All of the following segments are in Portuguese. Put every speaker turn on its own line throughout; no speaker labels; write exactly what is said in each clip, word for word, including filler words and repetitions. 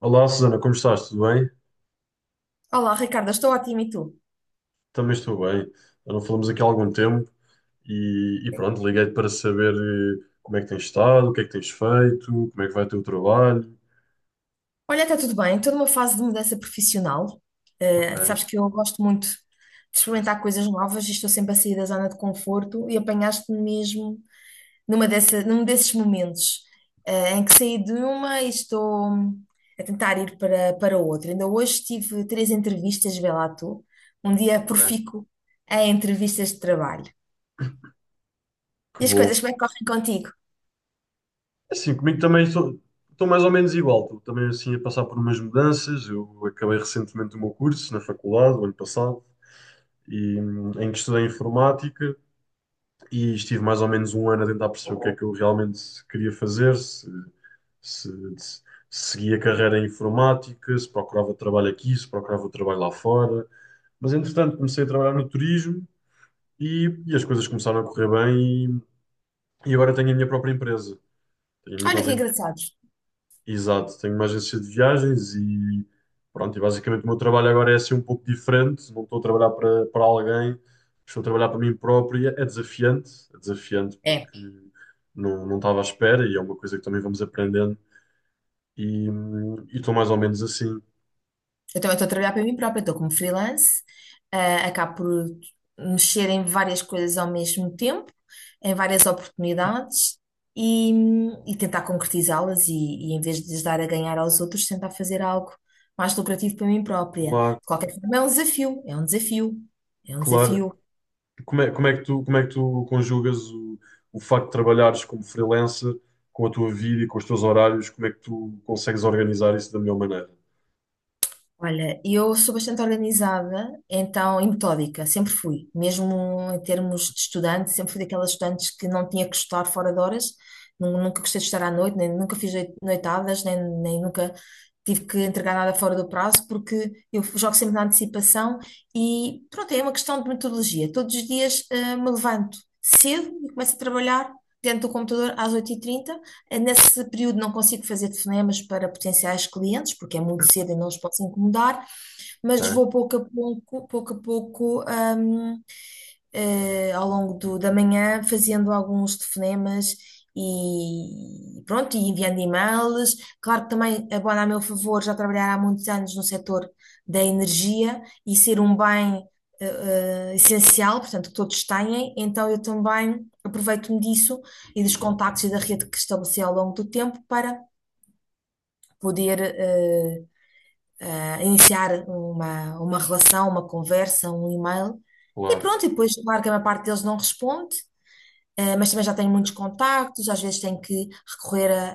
Olá, Susana, como estás? Tudo bem?
Olá, Ricardo, estou ótima e tu?
Também estou bem. Já não falamos aqui há algum tempo e, e pronto, liguei-te para saber eh, como é que tens estado, o que é que tens feito, como é que vai o teu trabalho.
Olha, está tudo bem, estou numa fase de mudança profissional. Eh,
Ok,
sabes que eu gosto muito de experimentar coisas novas e estou sempre a sair da zona de conforto e apanhaste-me mesmo numa dessa, num desses momentos, eh, em que saí de uma e estou a tentar ir para, para outra. Ainda hoje tive três entrevistas, vê lá tu, um dia
ok,
profícuo em entrevistas de trabalho.
que
E as coisas,
bom.
como é que correm contigo?
É assim, comigo também estou, estou mais ou menos igual. Estou também assim a passar por umas mudanças. Eu acabei recentemente o meu curso na faculdade, o ano passado, e, hum, em que estudei informática e estive mais ou menos um ano a tentar perceber o que é que eu realmente queria fazer, se, se seguia carreira em informática, se procurava trabalho aqui, se procurava trabalho lá fora. Mas, entretanto, comecei a trabalhar no turismo e, e as coisas começaram a correr bem e, e agora tenho a minha própria empresa. Tenho a minha
Olha que
própria...
engraçados.
Exato, tenho uma agência de viagens e pronto, e basicamente o meu trabalho agora é assim um pouco diferente, não estou a trabalhar para, para alguém, estou a trabalhar para mim próprio, e é desafiante, é desafiante
É.
porque não, não estava à espera e é uma coisa que também vamos aprendendo e hum, e estou mais ou menos assim.
Então, eu também estou a trabalhar para mim própria, estou como freelance. Ah, acabo por mexer em várias coisas ao mesmo tempo, em várias oportunidades, e, e tentar concretizá-las, e, e em vez de lhes dar a ganhar aos outros, tentar fazer algo mais lucrativo para mim própria. De
Claro,
qualquer forma, é um desafio, é um desafio, é um
claro.
desafio.
Como é, como é que tu, como é que tu conjugas o, o facto de trabalhares como freelancer com a tua vida e com os teus horários? Como é que tu consegues organizar isso da melhor maneira?
Olha, eu sou bastante organizada, então, e metódica, sempre fui. Mesmo em termos de estudante, sempre fui daquelas estudantes que não tinha que estudar fora de horas. Nu- nunca gostei de estudar à noite, nem nunca fiz noi- noitadas, nem, nem nunca tive que entregar nada fora do prazo, porque eu jogo sempre na antecipação. E pronto, é uma questão de metodologia. Todos os dias, eh, me levanto cedo e começo a trabalhar dentro do computador às oito e trinta. Eh, Nesse período não consigo fazer telefonemas para potenciais clientes, porque é muito cedo e não os posso incomodar, mas
Ok?
vou pouco a pouco, pouco a pouco, hum, eh, ao longo do- da manhã, fazendo alguns telefonemas e pronto, e enviando e-mails. Claro que também abona a meu favor já trabalhar há muitos anos no setor da energia e ser um bem, eh, eh, essencial, portanto, que todos têm, então eu também aproveito-me disso e dos contactos e da rede que estabeleci ao longo do tempo para poder, eh, eh, iniciar uma, uma relação, uma conversa, um e-mail. E
Claro,
pronto, e depois, claro que a maior parte deles não responde, eh, mas também já tenho muitos contactos, às vezes tenho que recorrer a,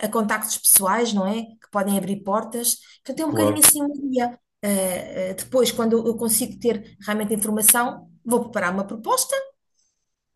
a- a contactos pessoais, não é? Que podem abrir portas. Portanto, é um bocadinho
claro,
assim um dia. Eh, eh, depois, quando eu consigo ter realmente informação, vou preparar uma proposta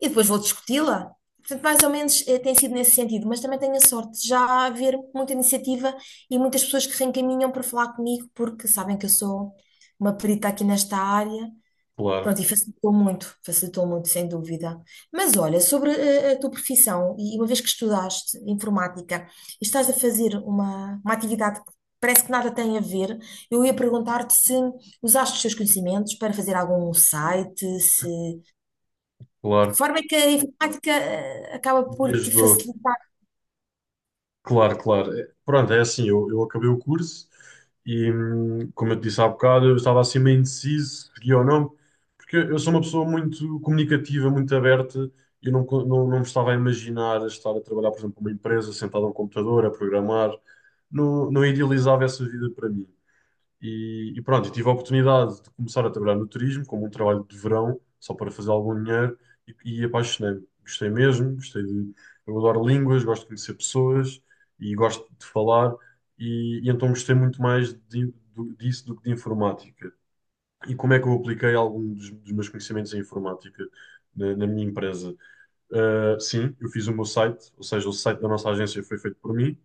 e depois vou discuti-la. Portanto, mais ou menos, eh, tem sido nesse sentido, mas também tenho a sorte de já haver muita iniciativa e muitas pessoas que reencaminham para falar comigo porque sabem que eu sou uma perita aqui nesta área.
claro,
Pronto, e facilitou muito, facilitou muito, sem dúvida. Mas olha, sobre, eh, a tua profissão, e uma vez que estudaste informática e estás a fazer uma, uma atividade que parece que nada tem a ver, eu ia perguntar-te se usaste os teus conhecimentos para fazer algum site, se, de que
claro.
forma é que a informática, eh, acaba por
Me
te
ajudou.
facilitar.
Claro, claro. É, pronto, é assim, eu, eu acabei o curso e, hum, como eu te disse há bocado, eu estava assim meio indeciso, seguia ou não, porque eu sou uma pessoa muito comunicativa, muito aberta, e eu não, co- não, não me estava a imaginar a estar a trabalhar, por exemplo, numa empresa, sentado a um computador, a programar, não, não idealizava essa vida para mim. E, e pronto, tive a oportunidade de começar a trabalhar no turismo, como um trabalho de verão, só para fazer algum dinheiro, e, e apaixonei-me. Gostei mesmo, gostei de. Eu adoro línguas, gosto de conhecer pessoas e gosto de falar, e, e então gostei muito mais de- do- disso do que de informática. E como é que eu apliquei algum dos, dos meus conhecimentos em informática na, na minha empresa? Ah, sim, eu fiz o meu site, ou seja, o site da nossa agência foi feito por mim.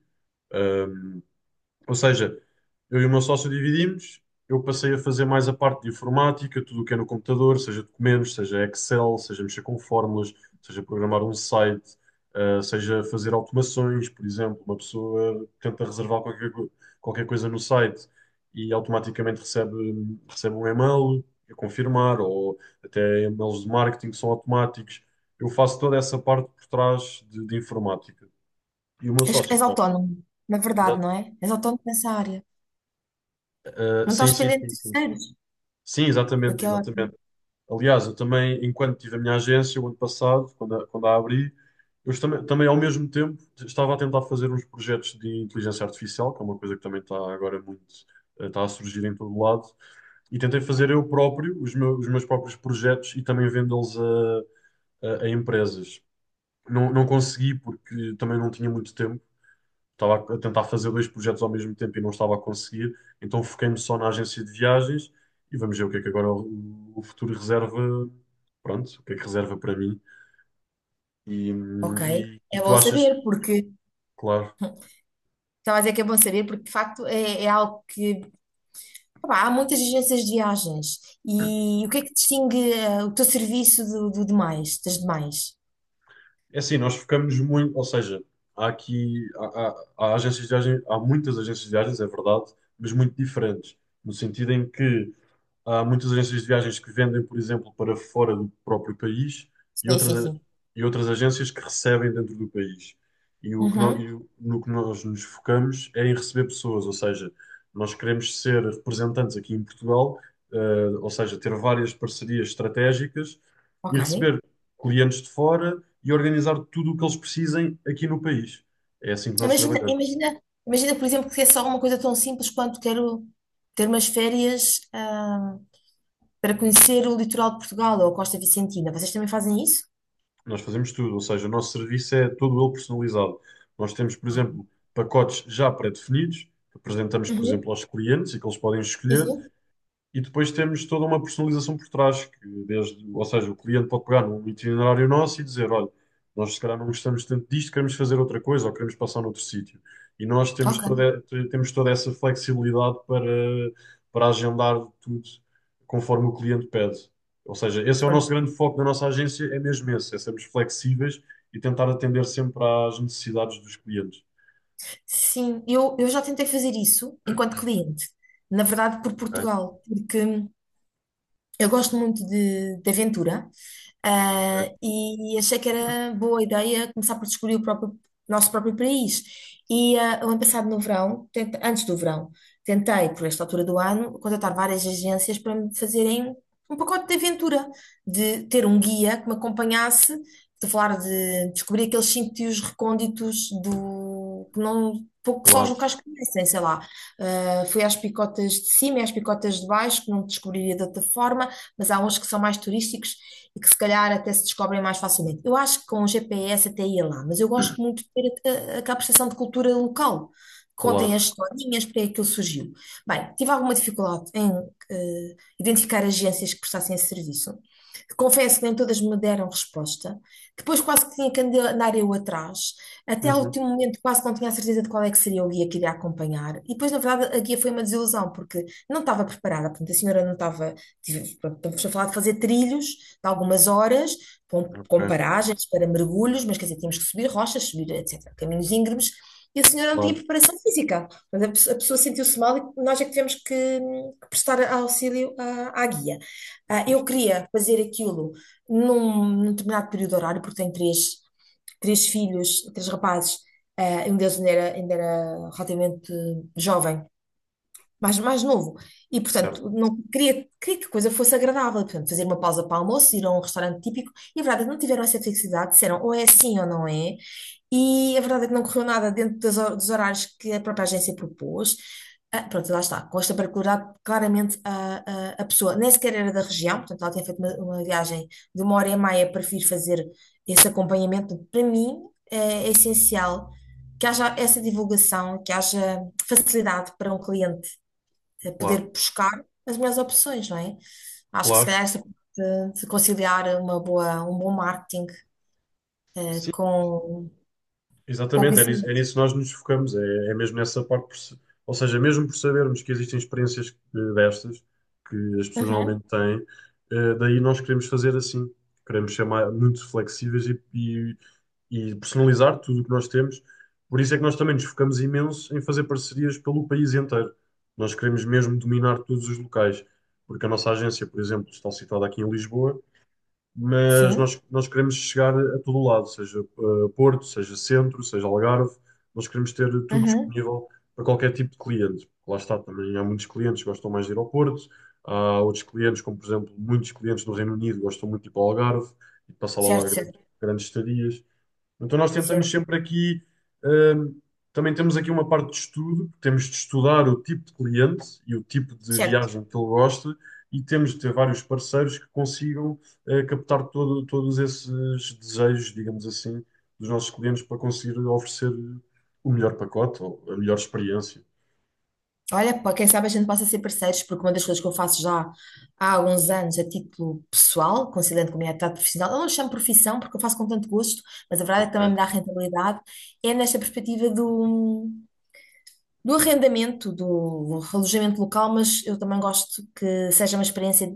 Ah, ou seja, eu e o meu sócio dividimos. Eu passei a fazer mais a parte de informática, tudo o que é no computador, seja documentos, seja Excel, seja mexer com fórmulas, seja programar um site, eh, seja fazer automações, por exemplo. Uma pessoa tenta reservar qualquer, co- qualquer coisa no site e automaticamente recebe, recebe um e-mail a confirmar, ou até e-mails de marketing que são automáticos. Eu faço toda essa parte por trás de, de informática. E o meu
És,
sócio,
és
pá,
autónomo, na
exa-
verdade, não é? És autónomo nessa área.
eh,
Não estás
sim, sim,
dependente de
sim, sim.
terceiros,
Sim,
o
exatamente,
que é ótimo.
exatamente. Aliás, eu também, enquanto tive a minha agência, o ano passado, quando a, quando a abri, eu também, também, ao mesmo tempo, estava a tentar fazer uns projetos de inteligência artificial, que é uma coisa que também está agora muito, eh, está a surgir em todo lado, e tentei fazer eu próprio, os meus, os meus próprios projetos e também vendê-los a, a, a empresas. Não, não consegui porque também não tinha muito tempo, estava a tentar fazer dois projetos ao mesmo tempo e não estava a conseguir, então foquei-me só na agência de viagens e vamos ver o que é que agora o, o futuro reserva, pronto, o que é que reserva para mim. E,
Ok,
hum, e, e
é
tu
bom
achas,
saber, porque...
claro,
Então, mas é que é bom saber, porque de facto é, é algo que. Opá, há muitas agências de viagens. E o que é que distingue, eh, o teu serviço do, do demais, das demais?
é assim, nós focamos muito, ou seja, há aqui, há, há, há agências de viagens, há muitas agências de viagens, é verdade, mas muito diferentes, no sentido em que há muitas agências de viagens que vendem, por exemplo, para fora do próprio país e
Sim,
outras,
sim,
a-
sim.
e outras agências que recebem dentro do país. E, o que nó-
Uhum,
e o- no que nós nos focamos é em receber pessoas, ou seja, nós queremos ser representantes aqui em Portugal, eh, ou seja, ter várias parcerias estratégicas e
ok.
receber clientes de fora e organizar tudo o que eles precisem aqui no país. É assim que nós
Imagina,
trabalhamos.
imagina, imagina, por exemplo, que é só uma coisa tão simples quanto quero ter umas férias, ah, para conhecer o litoral de Portugal ou a Costa Vicentina. Vocês também fazem isso?
Nós fazemos tudo, ou seja, o nosso serviço é todo ele personalizado. Nós temos, por exemplo, pacotes já pré-definidos, que apresentamos, por
Uhum,
exemplo, aos clientes e que eles podem
sim,
escolher,
sim.
e depois temos toda uma personalização por trás, que desde, ou seja, o cliente pode pegar num itinerário nosso e dizer, olha, nós se calhar não gostamos tanto disto, queremos fazer outra coisa ou queremos passar noutro sítio. E nós temos
Ok,
toda, temos toda essa flexibilidade para, para agendar tudo conforme o cliente pede. Ou seja, esse é o nosso
pronto.
grande foco da nossa agência, é mesmo esse, é sermos flexíveis e tentar atender sempre às necessidades dos clientes.
Sim, eu, eu já tentei fazer isso enquanto cliente, na verdade por
Ok,
Portugal, porque... Eu gosto muito de, de aventura, ah,
ok,
e achei que era boa ideia começar por descobrir o próprio- nosso próprio país. E ah, o ano passado, no verão, tenta- antes do verão, tentei, por esta altura do ano, contratar várias agências para me fazerem um pacote de aventura, de ter um guia que me acompanhasse, de falar, de descobrir aqueles sítios recônditos do que não. Pouco que só os
claro,
locais conhecem, sei lá. Ah, fui às picotas de cima e às picotas de baixo, que não descobriria de outra forma, mas há uns que são mais turísticos e que se calhar até se descobrem mais facilmente. Eu acho que com o G P S até ia lá, mas eu gosto muito de ter a, a, aquela percepção de cultura local. Contem
claro.
as historinhas, porque é que aquilo surgiu. Bem, tive alguma dificuldade em, eh, identificar agências que prestassem esse serviço. Confesso que nem todas me deram resposta. Depois quase que tinha que andar eu atrás. Até ao
Uhum,
último momento quase não tinha a certeza de qual é que seria o guia que iria acompanhar. E depois, na verdade, a guia foi uma desilusão, porque não estava preparada. Portanto, a senhora não estava... Tive- pronto, estamos a falar de fazer trilhos de algumas horas, com, com
ok,
paragens para mergulhos, mas quer dizer, tínhamos que subir rochas, subir, etcétera, caminhos íngremes, e a senhora não tinha
claro,
preparação física. Portanto, a, pessoa a pessoa sentiu-se mal e nós é que tivemos que, hum, que prestar auxílio à, à guia. Ah, eu queria fazer aquilo num, num determinado período horário, porque tenho três, três filhos, três rapazes, ah, um deles ainda era, ainda era relativamente jovem, mais, mais novo. E,
certo,
portanto, não queria, queria que a coisa fosse agradável. Portanto, fazer uma pausa para almoço, ir a um restaurante típico. E a verdade é que não tiveram essa flexibilidade, disseram ou é assim ou não é. E a verdade é que não correu nada dentro das hor- dos horários que a própria agência propôs. Ah, pronto, lá está. Com esta particularidade, claramente a, a, a pessoa nem sequer era da região, portanto, ela tinha feito uma, uma viagem de uma hora e meia. Prefiro fazer esse acompanhamento. Para mim, é, é essencial que haja essa divulgação, que haja facilidade para um cliente, eh, poder
claro,
buscar as melhores opções, não é? Acho que se
claro.
calhar esta parte de conciliar uma boa, um bom marketing, eh,
Sim,
com, com
exatamente, é nisso, é
conhecimento.
nisso que nós nos focamos, é, é mesmo nessa parte, por se- ou seja, mesmo por sabermos que existem experiências eh, destas, que as pessoas
Uhum.
normalmente têm, eh, daí nós queremos fazer assim, queremos ser mais, muito flexíveis e, e- e personalizar tudo o que nós temos, por isso é que nós também nos focamos imenso em fazer parcerias pelo país inteiro, nós queremos mesmo dominar todos os locais, porque a nossa agência, por exemplo, está situada aqui em Lisboa, mas
Sim,
nós, nós queremos chegar a todo o lado, seja eh, Porto, seja Centro, seja Algarve, nós queremos ter tudo
uhum.
disponível para qualquer tipo de cliente. Lá está, também há muitos clientes que gostam mais de ir ao Porto, há outros clientes, como por exemplo, muitos clientes do Reino Unido gostam muito de ir para o Algarve e de passar lá uma
Certo,
grande,
certo,
grandes estadias. Então nós tentamos
certo,
sempre aqui, hum, também temos aqui uma parte de estudo, temos de estudar o tipo de cliente e o tipo de
certo.
viagem que ele gosta e temos de ter vários parceiros que consigam eh, captar todo- todos esses desejos, digamos assim, dos nossos clientes para conseguir oferecer o melhor pacote ou a melhor experiência.
Olha, pá, quem sabe a gente possa ser parceiros, porque uma das coisas que eu faço já há alguns anos a título pessoal, conciliando com a minha atividade profissional, eu não chamo profissão porque eu faço com tanto gosto, mas a verdade é que também
Ok.
me dá rentabilidade, é nesta perspectiva do, do arrendamento, do alojamento local, mas eu também gosto que seja uma experiência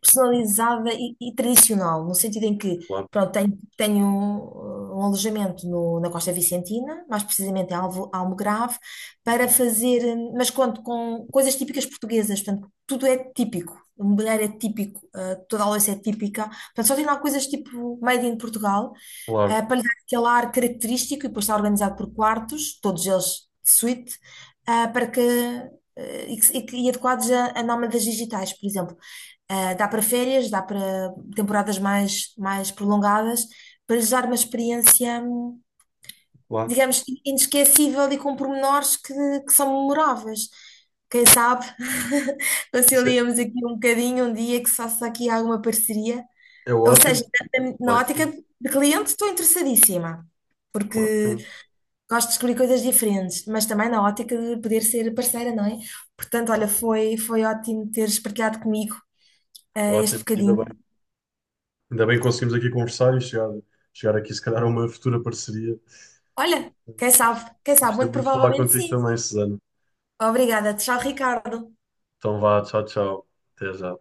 personalizada e, e tradicional, no sentido em que,
Claro,
pronto, tenho, tenho um, um alojamento no- na Costa Vicentina, mais precisamente em Alvo, Almograve, para fazer, hum, mas conto com coisas típicas portuguesas, portanto, tudo é típico, o mobiliário é típico, ah, toda a louça é típica, portanto, só tem lá coisas tipo made in Portugal, ah,
claro,
para lhe dar aquele ar característico, e depois está organizado por quartos, todos eles de suíte, ah, para que, eh, e, que- e que- e adequados a, a nómadas digitais, por exemplo. Ah, dá para férias, dá para temporadas mais, mais prolongadas, para lhes dar uma experiência, hum,
claro.
digamos, inesquecível e com pormenores que, que são memoráveis. Quem sabe,
Isso é,
conciliamos aqui um bocadinho, um dia que se faça aqui alguma parceria.
é
Ou
ótimo,
seja, na na
claro que
ótica
sim,
de cliente estou interessadíssima,
claro que
porque
sim,
gosto de descobrir coisas diferentes, mas também na ótica de poder ser parceira, não é? Portanto, olha, foi, foi ótimo teres partilhado comigo, ah, este
ótimo, ainda
bocadinho.
bem. Ainda bem que conseguimos aqui conversar e chegar, chegar aqui, se calhar, a uma futura parceria.
Olha, quem sabe, quem sabe,
Gostei
muito
muito de falar
provavelmente
contigo
sim.
também, Susana.
Obrigada, tchau, Ricardo.
Então vá, tchau, tchau. Até já.